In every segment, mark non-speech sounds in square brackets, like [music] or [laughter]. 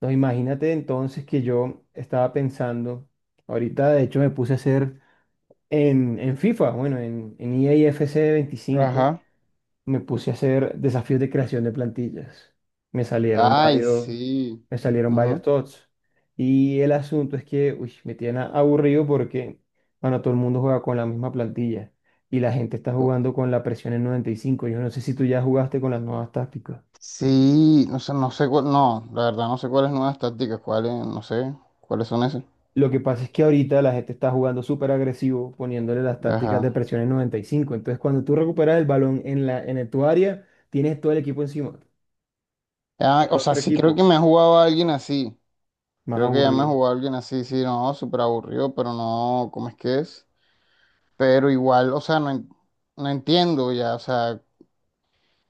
No, imagínate entonces que yo estaba pensando, ahorita de hecho me puse a hacer en FIFA, bueno, en EA FC 25, Ajá. me puse a hacer desafíos de creación de plantillas. Me salieron Ay, varios, sí. me salieron varios Ujú. TOTS. Y el asunto es que, uy, me tiene aburrido porque, bueno, todo el mundo juega con la misma plantilla y la gente está Co- jugando con la presión en 95. Yo no sé si tú ya jugaste con las nuevas tácticas. Sí, no sé, no sé cuál, no, la verdad no sé cuáles nuevas tácticas, cuáles, no sé, cuáles son esas. Lo que pasa es que ahorita la gente está jugando súper agresivo, poniéndole las Ajá. tácticas de presión en 95. Entonces, cuando tú recuperas el balón en tu área, tienes todo el equipo encima. Ah, El o sea, otro sí creo que equipo, me ha jugado a alguien así. más Creo que ya me ha aburrido. jugado a alguien así, sí, no, súper aburrido, pero no, ¿cómo es que es? Pero igual, o sea, no, no entiendo ya, o sea,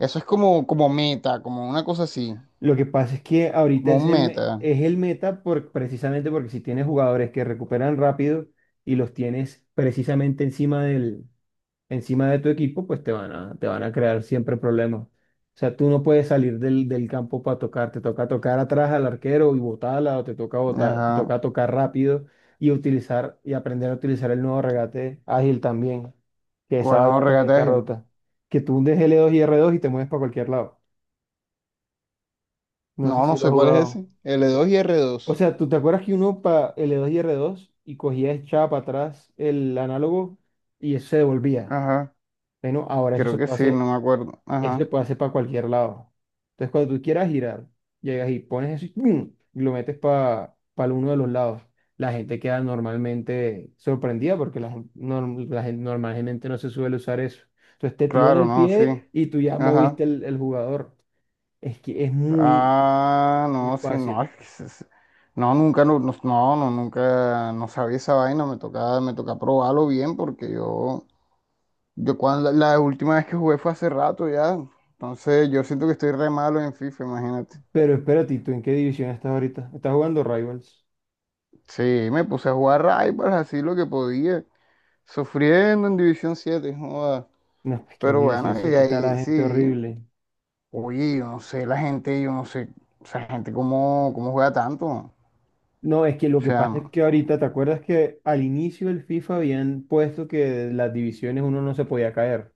eso es como meta, como una cosa así, Lo que pasa es que ahorita como es un el, me- meta. es el meta por, precisamente porque si tienes jugadores que recuperan rápido y los tienes precisamente encima de tu equipo, pues te van a crear siempre problemas. O sea, tú no puedes salir del campo para tocar, te toca tocar atrás al arquero y botarla, o te toca botar, te Ajá. toca tocar rápido y utilizar y aprender a utilizar el nuevo regate ágil también, que esa ¿Cuál no vaina también está regataje? rota. Que tú hundes L2 y R2 y te mueves para cualquier lado. No sé No, no si lo sé has cuál es jugado. ese. L2 y r O dos sea, ¿tú te acuerdas que uno para L2 y R2 y cogía echaba para atrás el análogo y eso se devolvía? Ajá. Bueno, ahora eso Creo se que puede sí, no hacer. me acuerdo. Eso se Ajá. puede hacer para cualquier lado. Entonces, cuando tú quieras girar, llegas y pones eso y ¡pum!, y lo metes para uno de los lados. La gente queda normalmente sorprendida porque la gente normalmente no se suele usar eso. Entonces te tiran Claro, el no, sí. pie y tú ya Ajá. moviste el jugador. Es que es muy, Ah, muy no, sí, no. fácil. es que se- se- No, nunca, no, no, no, no, nunca, no sabía esa vaina. Me tocaba, me toca probarlo bien porque yo cuando la última vez que jugué fue hace rato ya. Entonces yo siento que estoy re malo en FIFA, imagínate. Pero espérate, ¿Tú en qué división estás ahorita? ¿Estás jugando Rivals? Sí, me puse a jugar Rivals así lo que podía, sufriendo en División 7 joda. No, pues que en Pero División bueno, y Siete está la ahí gente sí. horrible. Oye, yo no sé, la gente, yo no sé, esa gente cómo, cómo juega tanto. O No, es que lo que pasa sea, es que ahorita, ¿te acuerdas que al inicio del FIFA habían puesto que de las divisiones uno no se podía caer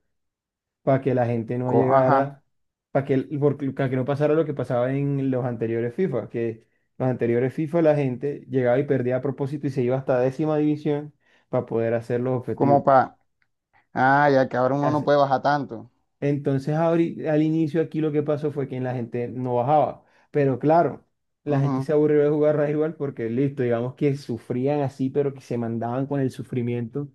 para que la gente no ajá, llegara, para que, para que no pasara lo que pasaba en los anteriores FIFA, que los anteriores FIFA la gente llegaba y perdía a propósito y se iba hasta décima división para poder hacer los como objetivos? para, ah, ya que ahora uno no puede bajar tanto. Entonces, al inicio aquí lo que pasó fue que la gente no bajaba. Pero claro, la gente Ujú, se aburrió de jugar rival porque listo, digamos que sufrían así, pero que se mandaban con el sufrimiento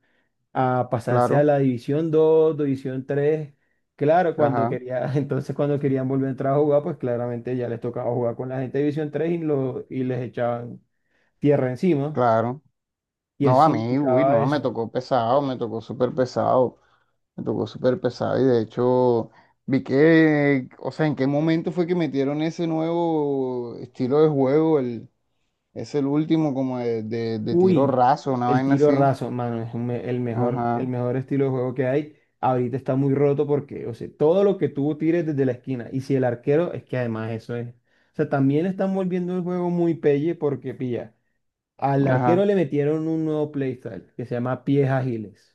a pasarse a claro, la División dos, División tres. Claro, cuando ajá, quería, [laughs] entonces cuando querían volver a entrar a jugar, pues claramente ya les tocaba jugar con la gente de División tres y les echaban tierra encima. claro. Y No, eso a mí, uy, significaba no, me eso. tocó pesado, me tocó súper pesado, me tocó súper pesado. Y de hecho, vi que, o sea, ¿en qué momento fue que metieron ese nuevo estilo de juego? Es el último como de tiro Uy, raso, una el vaina tiro así. raso, mano, es un me- el Ajá, mejor estilo de juego que hay. Ahorita está muy roto porque, o sea, todo lo que tú tires desde la esquina. Y si el arquero, es que además eso es. O sea, también están volviendo el juego muy pelle porque, pilla, al arquero ajá, le metieron un nuevo playstyle que se llama pies ágiles.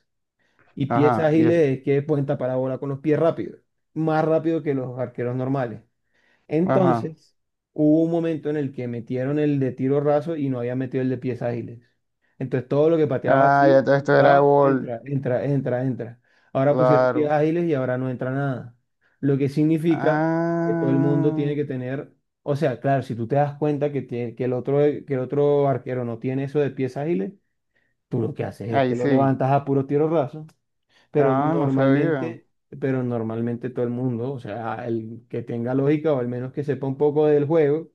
Y pies ajá. Ágiles es que pueden tapar la bola con los pies rápidos. Más rápido que los arqueros normales. Ajá. Entonces, hubo un momento en el que metieron el de tiro raso y no había metido el de pies ágiles. Entonces, todo lo que pateabas Ah, ya así, de un esto era lado, gol, entra, entra, entra, entra. Ahora pusieron pies claro. ágiles y ahora no entra nada. Lo que significa que todo el mundo tiene Ah, que tener, o sea, claro, si tú te das cuenta que, que el otro arquero no tiene eso de pies ágiles, tú lo que haces es que ahí lo sí. levantas a puro tiro raso, pero Ah, no sabía. normalmente, pero normalmente todo el mundo, o sea, el que tenga lógica o al menos que sepa un poco del juego,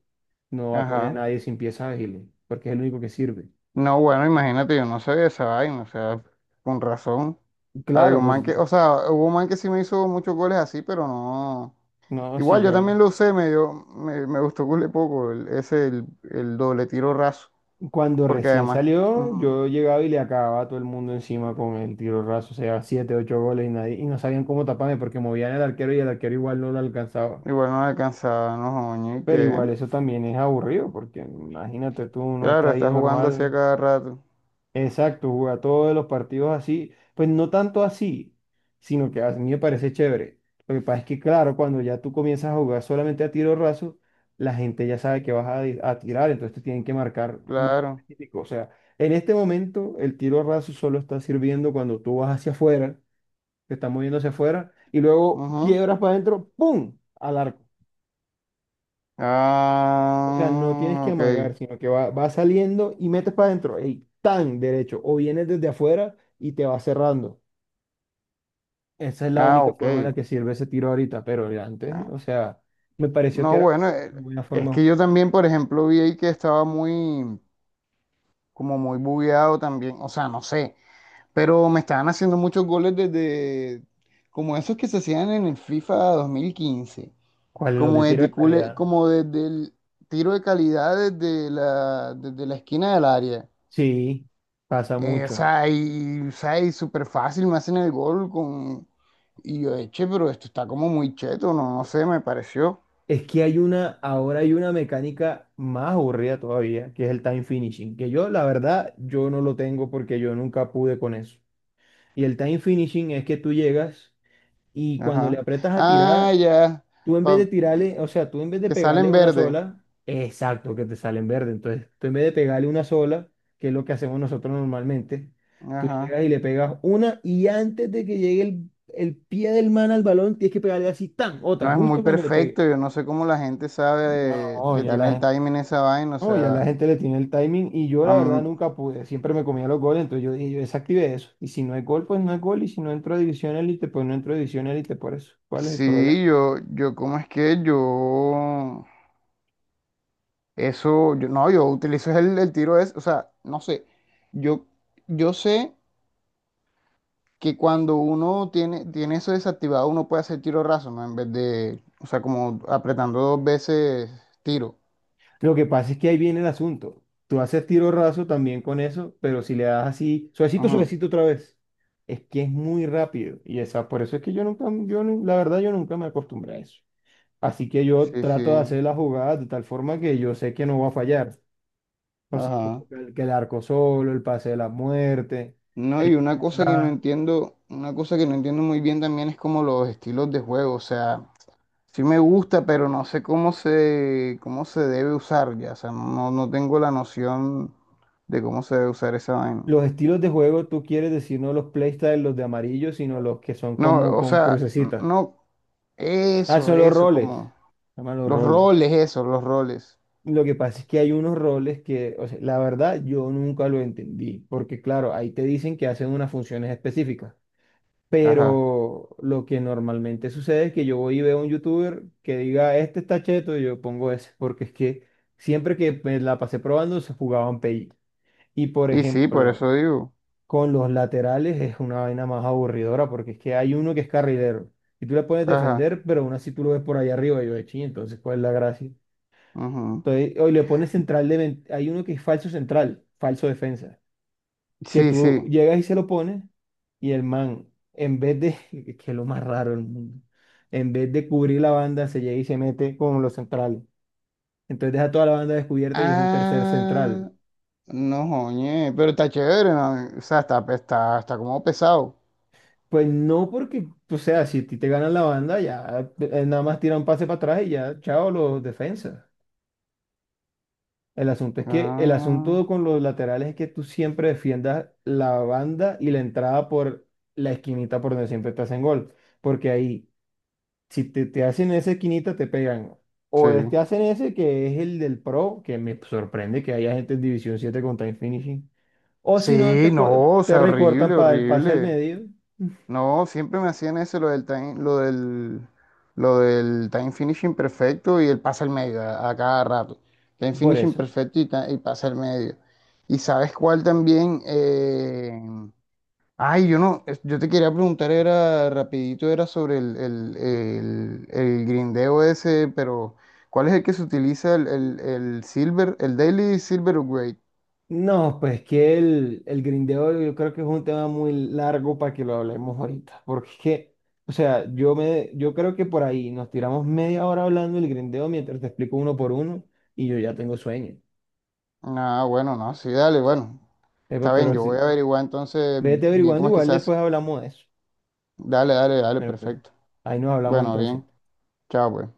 no va a poner a Ajá. nadie sin pieza ágil, porque es el único que sirve. No, bueno, imagínate, yo no sabía esa vaina, o sea, con razón. Había Claro, un pues man que, o sea, hubo un man que sí me hizo muchos goles así, pero no. no, si Igual yo también yo, lo usé, me dio, me gustó cule poco, ese, el doble tiro raso, cuando porque recién además, salió, ujú, yo llegaba y le acababa a todo el mundo encima con el tiro raso, o sea, siete, ocho goles y nadie, y no sabían cómo taparme porque movían el arquero y el arquero igual no lo alcanzaba. igual no alcanzaba, no, joña, ¿y Pero qué? igual eso también es aburrido, porque imagínate tú, uno está Claro, ahí está jugando así normal. a cada rato, Exacto, jugar todos los partidos así, pues no tanto así, sino que a mí me parece chévere. Lo que pasa es que, claro, cuando ya tú comienzas a jugar solamente a tiro raso, la gente ya sabe que vas a tirar, entonces te tienen que marcar más claro. específico. O sea, en este momento el tiro raso solo está sirviendo cuando tú vas hacia afuera, te estás moviendo hacia afuera, y luego Ujú. quiebras para adentro, ¡pum!, al arco. O sea, no tienes Ah, que ok. amagar, sino que va, va saliendo y metes para adentro, ¡ey!, tan derecho, o vienes desde afuera y te va cerrando. Esa es la Ah, única ok. forma en la que sirve ese tiro ahorita, pero el antes, Ah, o sea, me pareció que no, era bueno, una buena es forma de que jugar. yo también, por ejemplo, vi ahí que estaba muy, como muy bugueado también. O sea, no sé. Pero me estaban haciendo muchos goles desde, como esos que se hacían en el FIFA 2015. ¿Cuál es los de Como tiro desde, de cule- calidad? como desde el tiro de calidad desde desde la esquina del área. Sí, pasa O mucho. sea, y, o sea, y súper fácil, me hacen el gol con... Y yo, eche pero esto está como muy cheto, no, no sé, me pareció. Es que hay una, ahora hay una mecánica más aburrida todavía, que es el time finishing, que yo, la verdad, yo no lo tengo porque yo nunca pude con eso. Y el time finishing es que tú llegas y cuando le Ajá. apretas a Ah, tirar, ya, tú en vez de pa- tirarle, o sea, tú en vez de que sale en pegarle una verde. sola, exacto, que te sale en verde. Entonces, tú en vez de pegarle una sola, que es lo que hacemos nosotros normalmente, tú Ajá. llegas y le pegas una y antes de que llegue el pie del man al balón, tienes que pegarle así, tan, No otra, es muy justo cuando le perfecto, pegue. yo no sé cómo la gente sabe, No, le ya tiene la el gente, timing a esa vaina, o no, ya la sea... gente le tiene el timing y yo a la verdad mí- nunca pude, siempre me comía los goles, entonces yo dije, yo desactivé eso. Y si no hay gol, pues no es gol, y si no entro a división élite, pues no entro a división élite, por eso. ¿Cuál es el problema? sí, yo, ¿cómo es que yo... Eso, yo, no, yo utilizo el, tiro es, o sea, no sé, yo, yo, sé que cuando uno tiene eso desactivado, uno puede hacer tiro raso, ¿no? En vez de, o sea, como apretando dos veces tiro. Lo que pasa es que ahí viene el asunto. Tú haces tiro raso también con eso, pero si le das así, suavecito, Ajá. suavecito otra vez, es que es muy rápido. Y esa, por eso es que yo nunca, la verdad, yo nunca me acostumbré a eso. Así que yo Sí, sí. trato de hacer las jugadas de tal forma que yo sé que no va a fallar. No sé, como Ajá. Que el arco solo, el pase de la muerte, No, el y una tiro cosa que no atrás. entiendo, una cosa que no entiendo muy bien también es como los estilos de juego. O sea, sí me gusta, pero no sé cómo se debe usar ya. O sea, no, no tengo la noción de cómo se debe usar esa vaina. Los estilos de juego, tú quieres decir no los playstyles, los de amarillo, sino los que son No, como o con sea, crucecitas. no, Ah, eso, son los eso, roles. como Llaman los los roles. roles, eso, los roles. Lo que pasa es que hay unos roles que, o sea, la verdad, yo nunca lo entendí, porque claro, ahí te dicen que hacen unas funciones específicas, Ajá. pero lo que normalmente sucede es que yo voy y veo a un youtuber que diga, este está cheto, y yo pongo ese, porque es que siempre que me la pasé probando se jugaban PI. Y por Y sí, por ejemplo, eso digo. con los laterales es una vaina más aburridora, porque es que hay uno que es carrilero, y tú le pones Ajá. defender, pero aún así tú lo ves por ahí arriba, y yo de ching, entonces, ¿cuál es la gracia? Ujú. Entonces, hoy le pones Hay uno que es falso central, falso defensa, que Sí, tú sí. llegas y se lo pones y el man, en vez de... [laughs] que es lo más raro del mundo, en vez de cubrir la banda, se llega y se mete con los centrales. Entonces deja toda la banda descubierta y es un tercer central. Ah, no, joñe, pero está chévere, ¿no? O sea, está como pesado. Pues no porque, o sea, si a ti te ganan la banda, ya nada más tiran pase para atrás y ya, chao, los defensas. El asunto es que el Ah, asunto con los laterales es que tú siempre defiendas la banda y la entrada por la esquinita por donde siempre te hacen gol. Porque ahí, si te hacen esa esquinita, te pegan. sí. Te hacen ese que es el del pro, que me sorprende que haya gente en División siete con time finishing. O si no, Sí, te, co- no, o te sea, recortan horrible, para el pase al horrible. medio. No, siempre me hacían eso, lo del time finishing perfecto y el pase al medio a cada rato. Time Por finishing eso. perfecto y pase al medio. ¿Y sabes cuál también? Ay, yo no, yo te quería preguntar, era rapidito, era sobre el, el grindeo ese, pero ¿cuál es el que se utiliza el, el Silver, el Daily Silver Upgrade? No, pues que el grindeo yo creo que es un tema muy largo para que lo hablemos ahorita, porque es que, o sea, yo me, yo creo que por ahí nos tiramos media hora hablando del grindeo mientras te explico uno por uno y yo ya tengo sueño. Ah, bueno, no, sí, dale, bueno, Epa, está bien, pero yo voy a sí, averiguar entonces vete bien averiguando, cómo es que igual se hace. después hablamos de eso. Dale, dale, dale, Bueno, pues, perfecto. ahí nos hablamos Bueno, entonces. bien, chao, pues.